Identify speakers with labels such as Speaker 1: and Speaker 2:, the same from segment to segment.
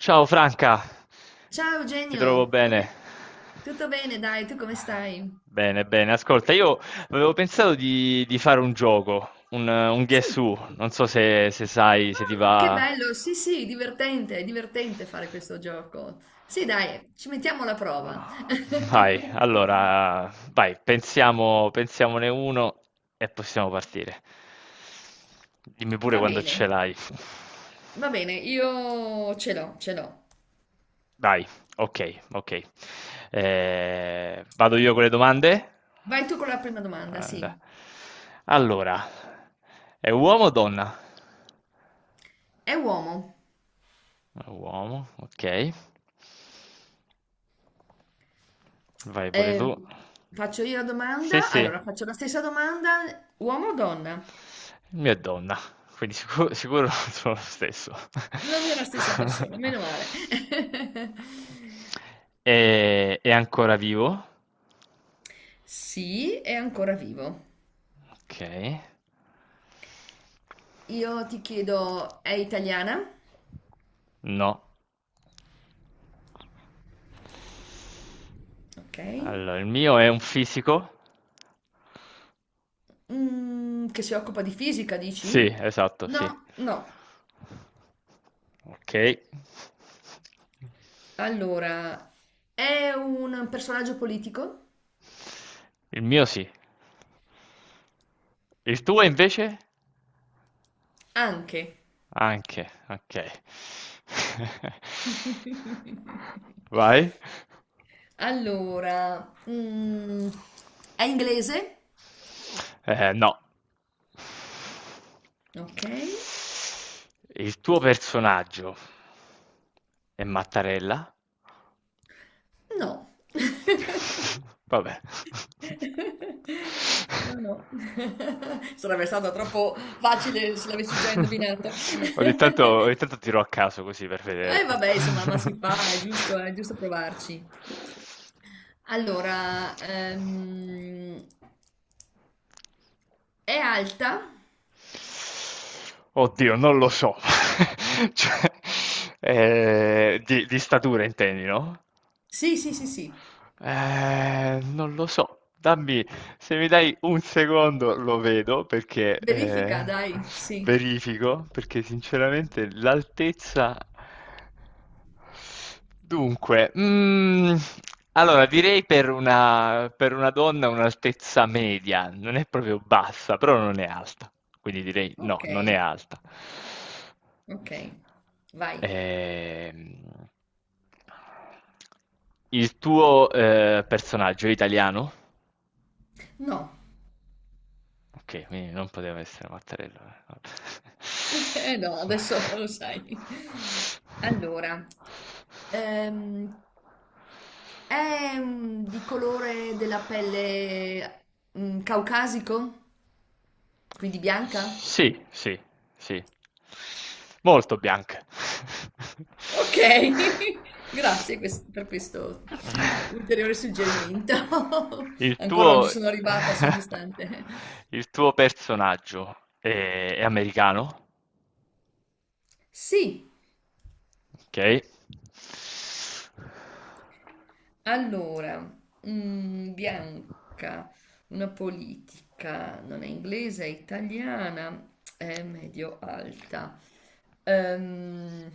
Speaker 1: Ciao Franca,
Speaker 2: Ciao
Speaker 1: ti trovo
Speaker 2: Eugenio,
Speaker 1: bene.
Speaker 2: come- tutto bene? Dai, tu come stai?
Speaker 1: Bene, bene, ascolta, io avevo pensato di fare un gioco, un Guess
Speaker 2: Sì.
Speaker 1: Who, non so se sai, se ti
Speaker 2: Ah, che
Speaker 1: va.
Speaker 2: bello, sì, sì, divertente, è divertente fare questo gioco. Sì, dai, ci mettiamo alla prova.
Speaker 1: Ah, vai, allora, vai, pensiamo, pensiamone uno e possiamo partire. Dimmi pure
Speaker 2: Va
Speaker 1: quando
Speaker 2: bene,
Speaker 1: ce l'hai.
Speaker 2: va bene, io ce l'ho, ce l'ho.
Speaker 1: Vai, ok, ok. Vado io con le domande?
Speaker 2: Vai tu con la prima domanda,
Speaker 1: And-
Speaker 2: sì.
Speaker 1: Allora, è uomo o donna?
Speaker 2: È uomo.
Speaker 1: È uomo, ok. Vai pure
Speaker 2: Eh,
Speaker 1: tu.
Speaker 2: faccio io la
Speaker 1: Sì,
Speaker 2: domanda,
Speaker 1: sì, il
Speaker 2: allora faccio la stessa domanda, uomo o donna?
Speaker 1: mio è donna, quindi sicuro, sicuro sono lo stesso.
Speaker 2: Non è la stessa persona, meno male.
Speaker 1: È ancora vivo?
Speaker 2: Sì, è ancora vivo.
Speaker 1: Ok.
Speaker 2: Io ti chiedo, è italiana?
Speaker 1: No.
Speaker 2: Ok.
Speaker 1: Allora, il mio è un fisico.
Speaker 2: Mm, che si occupa di fisica,
Speaker 1: Sì,
Speaker 2: dici?
Speaker 1: esatto, sì.
Speaker 2: No, no.
Speaker 1: Ok.
Speaker 2: Allora, è un personaggio politico?
Speaker 1: Il mio sì. Il tuo invece?
Speaker 2: Anche.
Speaker 1: Anche, okay. Vai.
Speaker 2: Allora, è inglese?
Speaker 1: No.
Speaker 2: Ok.
Speaker 1: Il tuo personaggio è Mattarella?
Speaker 2: No.
Speaker 1: Vabbè.
Speaker 2: No, no. Sarebbe stato troppo facile se l'avessi già indovinato.
Speaker 1: Ogni tanto tiro a caso così per vedere,
Speaker 2: Eh
Speaker 1: boh.
Speaker 2: vabbè, insomma, ma si fa, è giusto provarci. Allora, è alta?
Speaker 1: Oddio, non lo so. Cioè, di statura intendi, no?
Speaker 2: Sì, sì, sì, sì.
Speaker 1: Non lo so. Se mi dai un secondo lo vedo perché
Speaker 2: Verifica, dai, sì.
Speaker 1: verifico, perché sinceramente l'altezza... Dunque, allora direi per una donna un'altezza media, non è proprio bassa, però non è alta, quindi direi no,
Speaker 2: Ok,
Speaker 1: non è alta.
Speaker 2: ok, vai.
Speaker 1: Ehm, il tuo personaggio è italiano?
Speaker 2: No,
Speaker 1: Okay, quindi non poteva essere Mattarella, vabbè.
Speaker 2: no, adesso non lo sai. Allora, ehm, è di colore della pelle caucasico? Quindi bianca?
Speaker 1: Sì, sì, sì. Molto bianche.
Speaker 2: Ok, grazie quest- per questo ulteriore suggerimento.
Speaker 1: Il
Speaker 2: Ancora non
Speaker 1: tuo
Speaker 2: ci sono arrivata, sono distante.
Speaker 1: il tuo personaggio è americano?
Speaker 2: Sì,
Speaker 1: Okay.
Speaker 2: allora, bianca, una politica, non è inglese, è italiana, è medio alta. Ehm,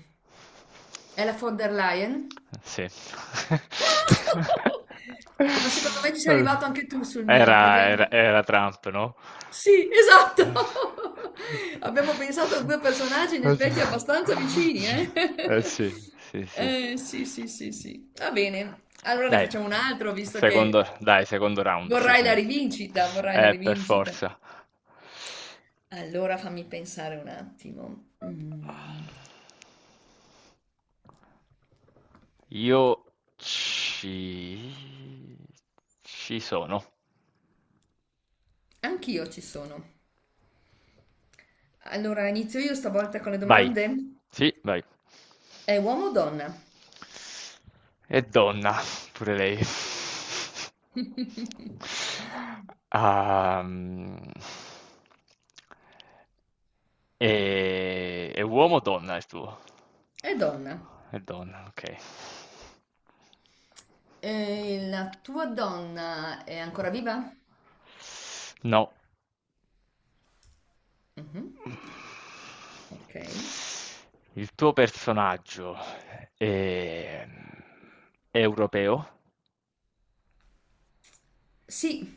Speaker 2: è la von der Leyen?
Speaker 1: Sì.
Speaker 2: Ma secondo me ci sei
Speaker 1: Uhm,
Speaker 2: arrivato anche tu sul mio,
Speaker 1: era era
Speaker 2: vediamo.
Speaker 1: era Trump, no?
Speaker 2: Sì, esatto. Abbiamo pensato a 2 personaggi in
Speaker 1: Oddio.
Speaker 2: effetti abbastanza vicini,
Speaker 1: Sì. Eh
Speaker 2: eh?
Speaker 1: sì, sì, sì.
Speaker 2: Sì, sì, sì, sì. Va bene. Allora ne
Speaker 1: Dai,
Speaker 2: facciamo un altro, visto che
Speaker 1: secondo round, sì,
Speaker 2: vorrai la
Speaker 1: sì.
Speaker 2: rivincita, vorrai la
Speaker 1: Per
Speaker 2: rivincita.
Speaker 1: forza.
Speaker 2: Allora fammi pensare un attimo. Mm,
Speaker 1: Io ci... ci sono.
Speaker 2: anch'io ci sono. Allora inizio io stavolta con le
Speaker 1: Vai.
Speaker 2: domande.
Speaker 1: Sì, vai.
Speaker 2: È uomo o donna?
Speaker 1: E donna, pure lei. Ehm, È uomo o donna il tuo?
Speaker 2: È donna.
Speaker 1: È donna, ok.
Speaker 2: E la tua donna è ancora viva?
Speaker 1: No.
Speaker 2: Mhm,
Speaker 1: Il
Speaker 2: ok.
Speaker 1: tuo personaggio è è europeo?
Speaker 2: Sì,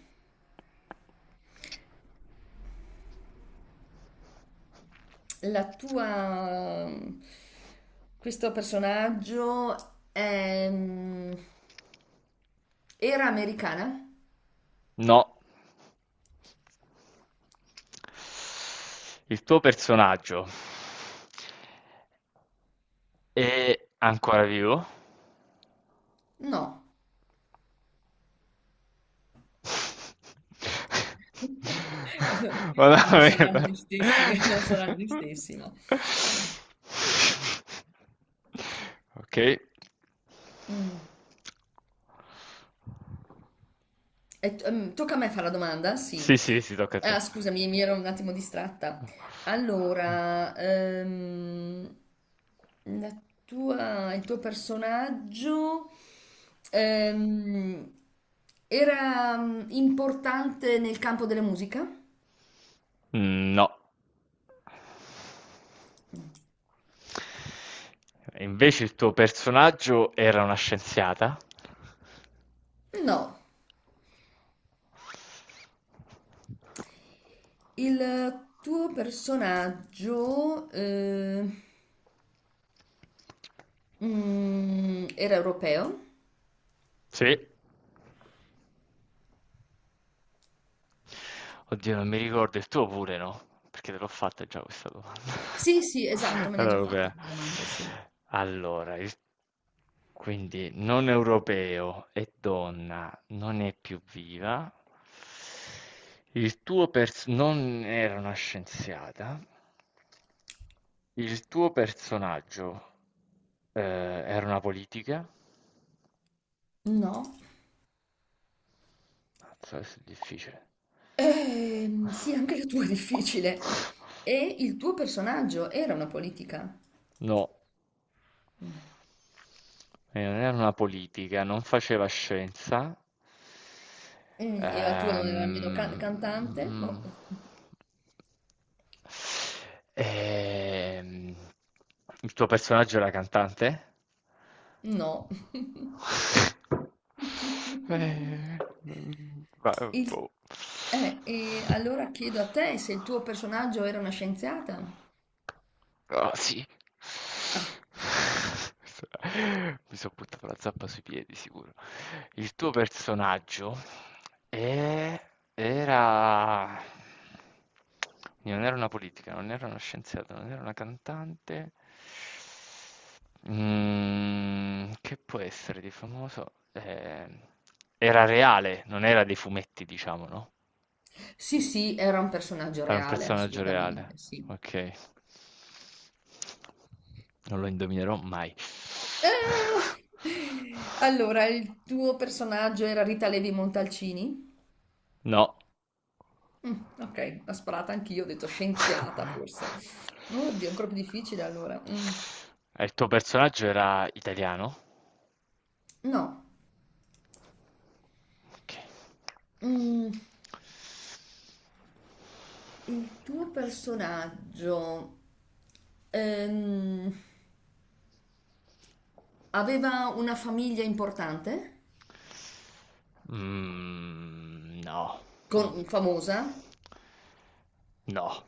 Speaker 2: la tua... Questo personaggio è... era americana?
Speaker 1: No. Il tuo personaggio è ancora vivo?
Speaker 2: No. Non saranno
Speaker 1: Veramente.
Speaker 2: gli stessi, non saranno gli stessi, ma... Mm.
Speaker 1: Ok.
Speaker 2: Mm. E t- tocca a me fare la domanda? Sì.
Speaker 1: Sì, sì, sì, tocca a te.
Speaker 2: Ah, scusami, mi ero un attimo distratta. Allora, la tua- il tuo personaggio ehm, era importante nel campo della musica?
Speaker 1: No. Invece il tuo personaggio era una scienziata?
Speaker 2: No, il tuo personaggio era europeo?
Speaker 1: Sì. Oddio, non mi ricordo, il tuo pure no? Perché te l'ho fatta già questa domanda.
Speaker 2: Sì, sì, esatto, me l'hai
Speaker 1: Allora,
Speaker 2: già fatta
Speaker 1: europea.
Speaker 2: quella domanda, sì.
Speaker 1: Allora, il- quindi non europeo e donna non è più viva. Non era una scienziata. Il tuo personaggio era una politica.
Speaker 2: No.
Speaker 1: Mazza, questo è difficile.
Speaker 2: Sì, anche la tua è difficile. E il tuo personaggio era una politica?
Speaker 1: No,
Speaker 2: No.
Speaker 1: non era una politica, non faceva scienza.
Speaker 2: Mm, e la tua non era nemmeno can-
Speaker 1: Ehm,
Speaker 2: cantante?
Speaker 1: mm,
Speaker 2: Boh,
Speaker 1: Ehm, il tuo personaggio era cantante?
Speaker 2: no.
Speaker 1: Eh,
Speaker 2: Il-
Speaker 1: Boh.
Speaker 2: e allora chiedo a te se il tuo personaggio era una scienziata?
Speaker 1: Oh, sì.
Speaker 2: Ah, ecco.
Speaker 1: Questa mi son buttato la zappa sui piedi sicuro. Il tuo personaggio è era non era una politica, non era una scienziata, non era una cantante. Mhmm, che può essere di famoso? Era reale, non era dei fumetti diciamo, no?
Speaker 2: Sì, sì, era un personaggio
Speaker 1: Era un
Speaker 2: reale,
Speaker 1: personaggio reale,
Speaker 2: assolutamente, sì.
Speaker 1: ok. Non lo indovinerò mai.
Speaker 2: Ah! Allora, il tuo personaggio era Rita Levi Montalcini?
Speaker 1: No.
Speaker 2: Mm, ok, l'ho sparata anch'io, ho detto scienziata forse. Oddio, ancora più difficile allora. Mm,
Speaker 1: E il tuo personaggio era italiano?
Speaker 2: no.
Speaker 1: Ok.
Speaker 2: Mm, il tuo personaggio ehm, aveva una famiglia importante?
Speaker 1: No, non-
Speaker 2: Con- famosa?
Speaker 1: no.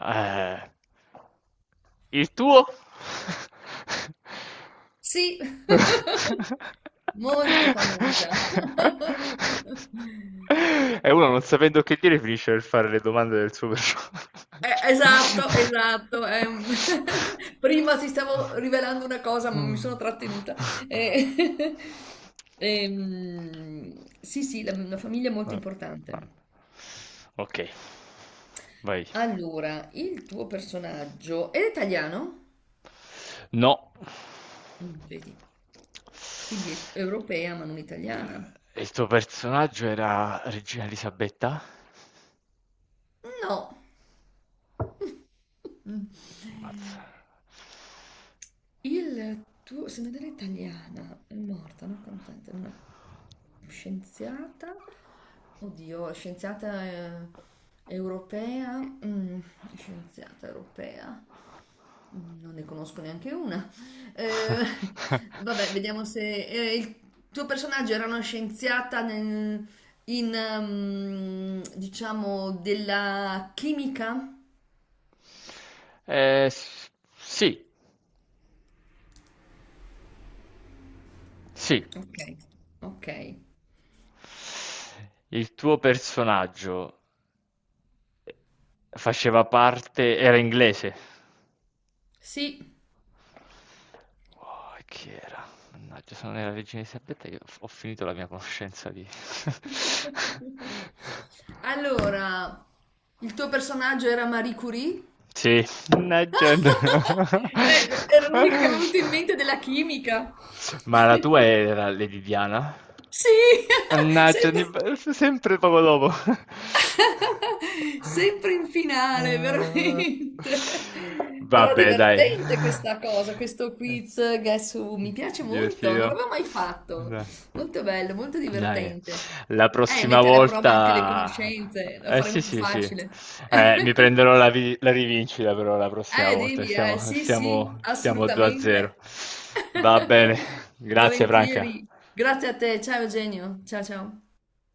Speaker 1: Eh. Il tuo?
Speaker 2: Sì, molto famosa.
Speaker 1: E uno non sapendo che dire finisce per fare le domande del suo personaggio.
Speaker 2: Esatto, esatto.
Speaker 1: Eh,
Speaker 2: Prima ti stavo rivelando una cosa, ma mi sono trattenuta. Eh, sì, sì, la famiglia è molto
Speaker 1: no.
Speaker 2: importante.
Speaker 1: Ok, vai.
Speaker 2: Allora, il tuo personaggio è italiano?
Speaker 1: No.
Speaker 2: Mm, vedi, quindi è europea ma non italiana?
Speaker 1: Il tuo personaggio era Regina Elisabetta?
Speaker 2: No. Mm.
Speaker 1: Ammazza.
Speaker 2: Il tuo, se non era italiana, è morta, non cantante, una scienziata, oddio, scienziata europea, mm, scienziata europea, mm, non ne conosco neanche una. Eh, vabbè, vediamo se il tuo personaggio era una scienziata nel- in, diciamo, della chimica.
Speaker 1: Eh, s- sì, sì.
Speaker 2: Ok, ok,
Speaker 1: Il tuo personaggio faceva parte, era inglese.
Speaker 2: sì.
Speaker 1: Oh, e chi era? Mannaggia, sono nella regina Elisabetta che ho finito la mia conoscenza di...
Speaker 2: Allora, il tuo personaggio era Marie Curie?
Speaker 1: Sì, legend.
Speaker 2: Era l'unica che mi è venuta in mente della chimica.
Speaker 1: Ma la tua era Lady Diana?
Speaker 2: Sì,
Speaker 1: Mannaggia,
Speaker 2: sembra.
Speaker 1: sempre poco dopo.
Speaker 2: Sempre in finale, veramente. Però
Speaker 1: Vabbè, dai.
Speaker 2: divertente questa cosa, questo
Speaker 1: Eh,
Speaker 2: quiz Guess Who. Mi
Speaker 1: sì,
Speaker 2: piace molto, non
Speaker 1: divertito.
Speaker 2: l'avevo mai fatto.
Speaker 1: Dai.
Speaker 2: Molto bello, molto
Speaker 1: Dai,
Speaker 2: divertente.
Speaker 1: la prossima
Speaker 2: Mettere a prova anche le
Speaker 1: volta...
Speaker 2: conoscenze, lo
Speaker 1: Eh sì,
Speaker 2: faremo più
Speaker 1: sì, sì.
Speaker 2: facile.
Speaker 1: Mi prenderò la, vi- la rivincita però la prossima volta.
Speaker 2: Devi, sì, sì,
Speaker 1: Stiamo 2 a 0.
Speaker 2: assolutamente.
Speaker 1: Va bene. Grazie, Franca.
Speaker 2: Volentieri. Grazie a te, ciao Eugenio. Ciao, ciao.